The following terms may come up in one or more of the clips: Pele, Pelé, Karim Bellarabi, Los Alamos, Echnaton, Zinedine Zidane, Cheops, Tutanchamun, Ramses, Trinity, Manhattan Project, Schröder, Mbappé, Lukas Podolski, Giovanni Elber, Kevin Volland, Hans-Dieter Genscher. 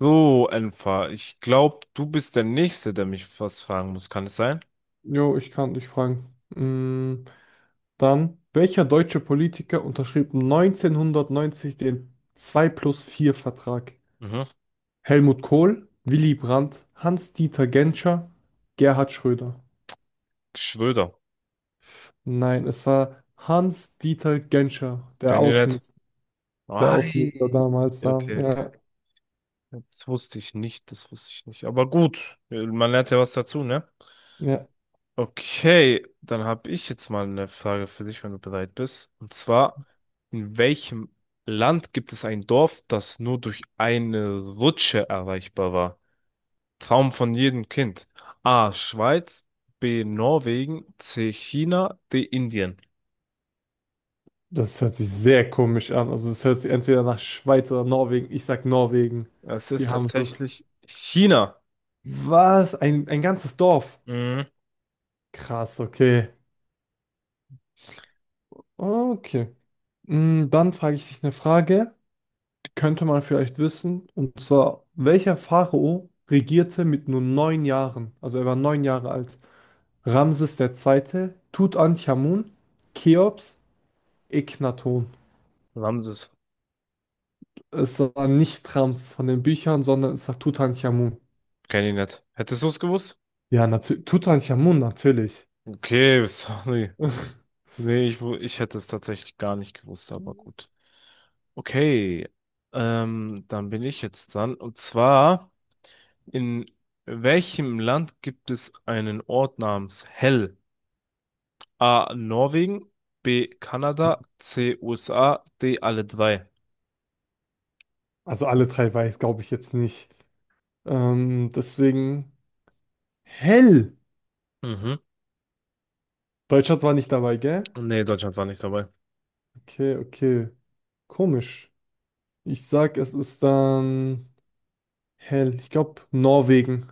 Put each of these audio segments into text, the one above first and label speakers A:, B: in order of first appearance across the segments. A: So, Enfa, ich glaube, du bist der Nächste, der mich was fragen muss. Kann es sein?
B: Jo, ich kann dich fragen. Mm, Dann, welcher deutsche Politiker unterschrieb 1990 den 2 plus 4 Vertrag?
A: Mhm.
B: Helmut Kohl, Willy Brandt, Hans-Dieter Genscher, Gerhard Schröder.
A: Schröder.
B: Nein, es war Hans-Dieter Genscher,
A: Kennt ihr nicht?
B: Der Außenminister
A: Ei.
B: damals da.
A: Okay, okay.
B: Ja,
A: Das wusste ich nicht, das wusste ich nicht. Aber gut, man lernt ja was dazu, ne?
B: ja.
A: Okay, dann habe ich jetzt mal eine Frage für dich, wenn du bereit bist. Und zwar, in welchem Land gibt es ein Dorf, das nur durch eine Rutsche erreichbar war? Traum von jedem Kind. A. Schweiz, B. Norwegen, C. China, D. Indien.
B: Das hört sich sehr komisch an. Also es hört sich entweder nach Schweiz oder Norwegen. Ich sag Norwegen.
A: Es
B: Die
A: ist
B: haben so.
A: tatsächlich China.
B: Was? Ein ganzes Dorf.
A: Mhm.
B: Krass, okay. Okay. Dann frage ich dich eine Frage, die könnte man vielleicht wissen. Und zwar, welcher Pharao regierte mit nur 9 Jahren? Also er war 9 Jahre alt. Ramses der Zweite, Tutanchamun, Cheops, Echnaton.
A: Ramses.
B: Es war nicht Ramses von den Büchern, sondern es war Tutanchamun.
A: Kenn ich nicht. Hättest du es gewusst?
B: Ja, natürlich. Tutanchamun, natürlich.
A: Okay, sorry. Nee, ich hätte es tatsächlich gar nicht gewusst, aber gut. Okay, dann bin ich jetzt dran. Und zwar, in welchem Land gibt es einen Ort namens Hell? A. Norwegen, B. Kanada, C. USA, D. alle drei.
B: Also alle drei weiß, glaube ich jetzt nicht. Deswegen, hell.
A: Mhm.
B: Deutschland war nicht dabei, gell?
A: Nee, Deutschland war nicht dabei.
B: Okay, okay. Komisch. Ich sag, es ist dann hell. Ich glaube, Norwegen.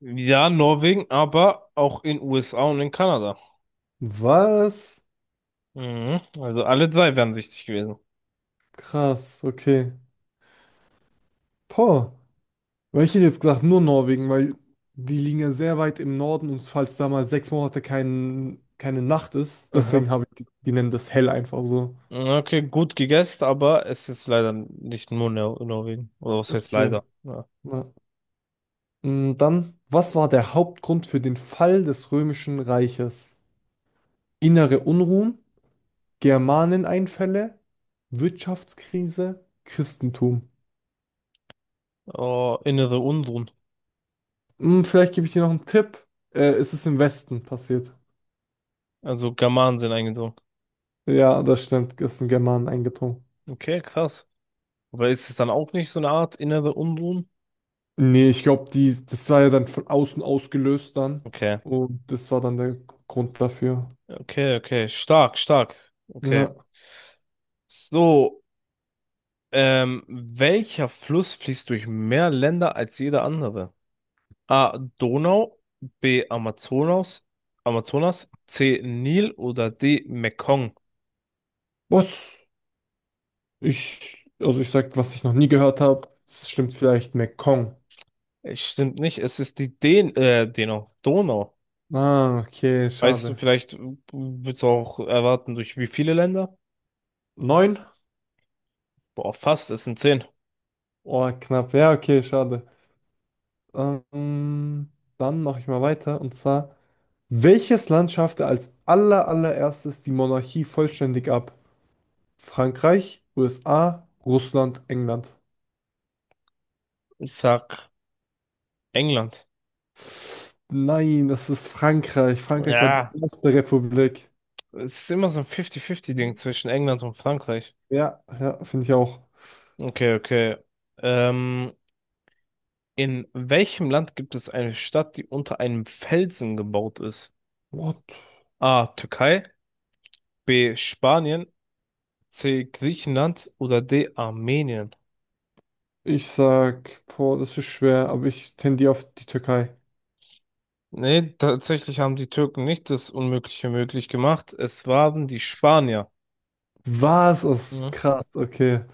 A: Ja, Norwegen, aber auch in USA und in Kanada.
B: Was?
A: Mhm. Also alle drei wären richtig gewesen.
B: Krass, okay. Boah. Weil ich hätte jetzt gesagt, nur Norwegen, weil die liegen ja sehr weit im Norden und falls da mal 6 Monate keine Nacht ist,
A: Aha.
B: deswegen habe ich, die nennen das hell einfach so.
A: Okay, gut gegessen, aber es ist leider nicht nur Nor Norwegen. Oder was heißt
B: Okay.
A: leider? Ja.
B: Na, dann, was war der Hauptgrund für den Fall des Römischen Reiches? Innere Unruhen, Germaneneinfälle, Wirtschaftskrise, Christentum.
A: Oh, innere Unruhen.
B: Hm, vielleicht gebe ich dir noch einen Tipp. Es ist im Westen passiert.
A: Also Germanen sind eingedrungen.
B: Ja, das stimmt. Es sind Germanen eingedrungen.
A: Okay, krass. Aber ist es dann auch nicht so eine Art innere Unruhen?
B: Nee, ich glaube, die, das war ja dann von außen ausgelöst dann.
A: Okay.
B: Und das war dann der Grund dafür.
A: Okay, okay. Stark, stark. Okay.
B: Ja.
A: So, welcher Fluss fließt durch mehr Länder als jeder andere? A. Donau, B. Amazonas, Amazonas, C. Nil oder D. Mekong?
B: Was? Ich, also ich sag, was ich noch nie gehört habe. Das stimmt vielleicht Mekong.
A: Es stimmt nicht, es ist die Den Donau. Donau.
B: Ah, okay,
A: Weißt du,
B: schade.
A: vielleicht, würdest du auch erwarten, durch wie viele Länder?
B: Neun?
A: Boah, fast, es sind zehn.
B: Oh, knapp. Ja, okay, schade. Ähm, Dann mache ich mal weiter. Und zwar, welches Land schaffte als allererstes die Monarchie vollständig ab? Frankreich, USA, Russland, England.
A: Ich sag England.
B: Nein, das ist Frankreich. Frankreich war die
A: Ja,
B: erste Republik.
A: es ist immer so ein 50-50-Ding
B: Hm?
A: zwischen England und Frankreich.
B: Ja, ja, finde ich auch.
A: Okay, okay. Ähm, In welchem Land gibt es eine Stadt, die unter einem Felsen gebaut ist?
B: What?
A: A. Türkei, B. Spanien, C. Griechenland oder D. Armenien?
B: Ich sag, boah, das ist schwer, aber ich tendiere auf die Türkei.
A: Nee, tatsächlich haben die Türken nicht das Unmögliche möglich gemacht. Es waren die Spanier.
B: Was? Das ist
A: Mhm.
B: krass, okay.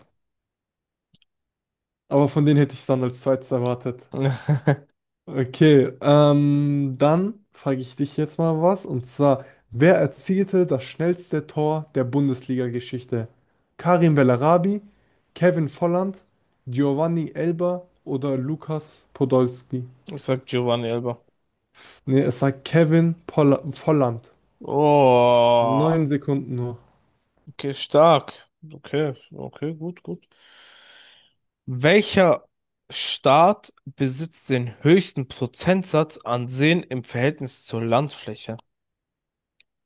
B: Aber von denen hätte ich es dann als zweites erwartet. Okay, dann frage ich dich jetzt mal was. Und zwar, wer erzielte das schnellste Tor der Bundesliga-Geschichte? Karim Bellarabi, Kevin Volland, Giovanni Elber oder Lukas Podolski?
A: Ich sag Giovanni Elber.
B: Nee, es war Kevin Polla Volland.
A: Oh,
B: 9 Sekunden nur.
A: okay, stark. Okay, okay, gut, gut. Welcher Staat besitzt den höchsten Prozentsatz an Seen im Verhältnis zur Landfläche?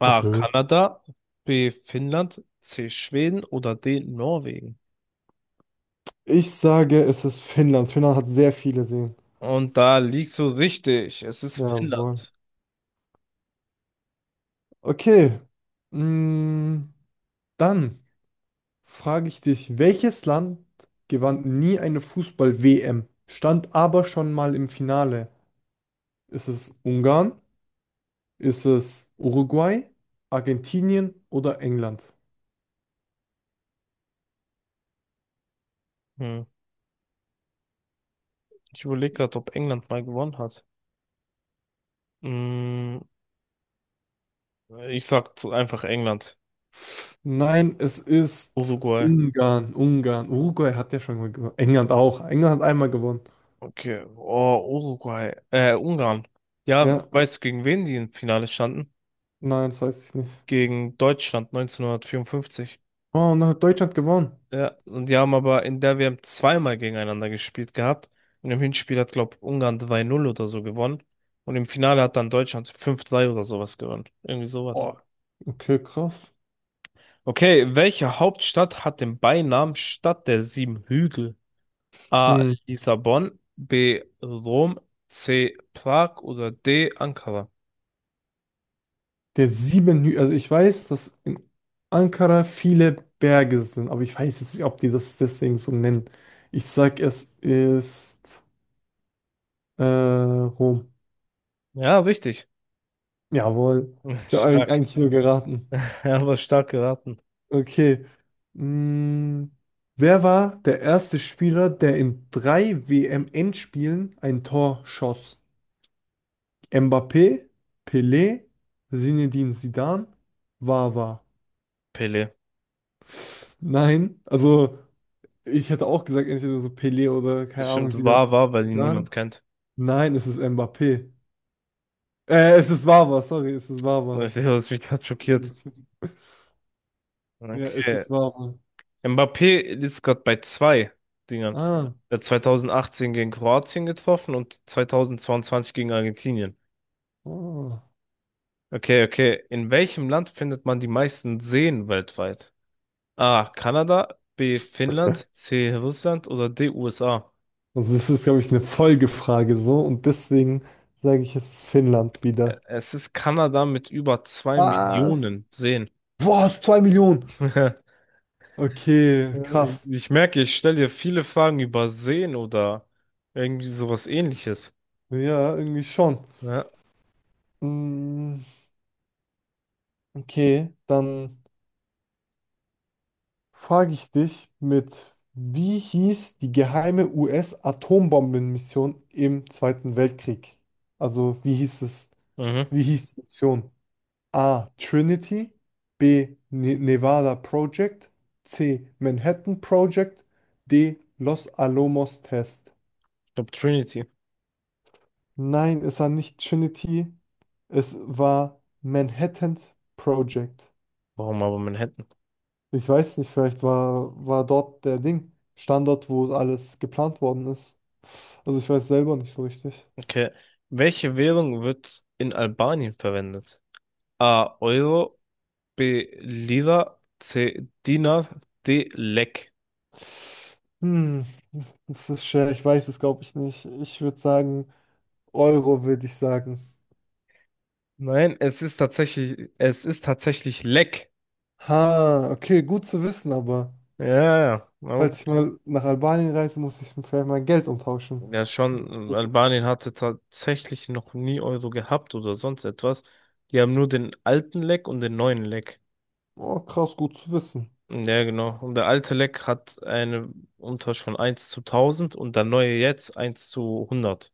A: A.
B: Okay.
A: Kanada, B. Finnland, C. Schweden oder D. Norwegen?
B: Ich sage, es ist Finnland. Finnland hat sehr viele Seen.
A: Und da liegst du richtig. Es ist
B: Jawohl.
A: Finnland.
B: Okay. Mm, Dann frage ich dich, welches Land gewann nie eine Fußball-WM, stand aber schon mal im Finale? Ist es Ungarn? Ist es Uruguay? Argentinien oder England?
A: Hm. Ich überlege gerade, ob England mal gewonnen hat. Hm, ich sag einfach England.
B: Nein, es ist
A: Uruguay.
B: Ungarn, Ungarn. Uruguay hat ja schon mal gewonnen. England auch. England hat einmal gewonnen.
A: Okay. Oh, Uruguay. Ungarn. Ja,
B: Ja,
A: weißt du, gegen wen die im Finale standen?
B: nein, das weiß ich nicht.
A: Gegen Deutschland 1954.
B: Oh, und dann hat Deutschland gewonnen.
A: Ja, und die haben aber in der WM zweimal gegeneinander gespielt gehabt. Und im Hinspiel hat, glaube Ungarn 2-0 oder so gewonnen. Und im Finale hat dann Deutschland 5-3 oder sowas gewonnen. Irgendwie sowas.
B: Oh, okay, krass.
A: Okay, welche Hauptstadt hat den Beinamen Stadt der sieben Hügel? A.
B: Hm.
A: Lissabon, B. Rom, C. Prag oder D. Ankara?
B: Der sieben Hü Also ich weiß, dass in Ankara viele Berge sind, aber ich weiß jetzt nicht, ob die das deswegen so nennen. Ich sag, es ist Rom.
A: Ja, richtig.
B: Jawohl. Ich habe
A: Stark.
B: eigentlich so geraten.
A: Ja, aber stark geraten.
B: Okay. Mm, Wer war der erste Spieler, der in drei WM-Endspielen ein Tor schoss? Mbappé, Pelé, Zinedine Zidane, Wawa.
A: Pele.
B: Nein, also. Ich hätte auch gesagt, entweder so Pelé oder keine Ahnung,
A: Bestimmt
B: Zidane.
A: war, weil ihn
B: Zidane?
A: niemand kennt.
B: Nein, es ist Mbappé. Es ist Wawa, sorry, es ist Wawa.
A: Das hat mich gerade schockiert.
B: Es Ja, es
A: Okay,
B: ist Wawa.
A: Mbappé ist gerade bei zwei Dingern.
B: Ah,
A: Er hat 2018 gegen Kroatien getroffen und 2022 gegen Argentinien.
B: oh.
A: Okay, okay. In welchem Land findet man die meisten Seen weltweit? A. Kanada, B. Finnland, C. Russland oder D. USA?
B: Also das ist, glaube ich, eine Folgefrage so und deswegen sage ich, es ist Finnland
A: Ä-
B: wieder.
A: Es ist Kanada mit über zwei
B: Was?
A: Millionen Seen.
B: Was? 2 Millionen? Okay,
A: Ich,
B: krass.
A: ich merke, ich stelle dir viele Fragen über Seen oder irgendwie sowas ähnliches.
B: Ja, irgendwie schon.
A: Ja.
B: Mm, okay, dann frage ich dich mit, wie hieß die geheime US-Atombombenmission im Zweiten Weltkrieg? Also wie hieß es?
A: Mhm.
B: Wie hieß die Mission? A. Trinity, B. Nevada Project, C. Manhattan Project, D. Los Alamos Test.
A: Ich glaube Trinity.
B: Nein, es war nicht Trinity, es war Manhattan Project.
A: Warum aber Manhattan?
B: Ich weiß nicht, vielleicht war dort der Ding, Standort, wo alles geplant worden ist. Also ich weiß selber nicht so richtig.
A: Okay. Welche Währung wird in Albanien verwendet? A. Euro, B. Lira, C. Dinar, D. Lek.
B: Hm, das ist schwer, ich weiß es, glaube ich, nicht. Ich würde sagen, Euro würde ich sagen.
A: Nein, es ist tatsächlich Lek.
B: Ha, okay, gut zu wissen, aber
A: Ja, ja, ja, na
B: falls ich
A: gut.
B: mal nach Albanien reise, muss ich vielleicht mein Geld umtauschen.
A: Ja, schon. Albanien hatte tatsächlich noch nie Euro gehabt oder sonst etwas. Die haben nur den alten Lek und den neuen Lek.
B: Oh, krass, gut zu wissen.
A: Ja, genau. Und der alte Lek hat eine Umtausch von eins zu tausend und der neue jetzt eins zu hundert.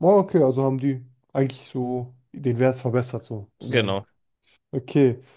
B: Oh, okay, also haben die eigentlich so den Wert verbessert, so zu sagen.
A: Genau.
B: Okay.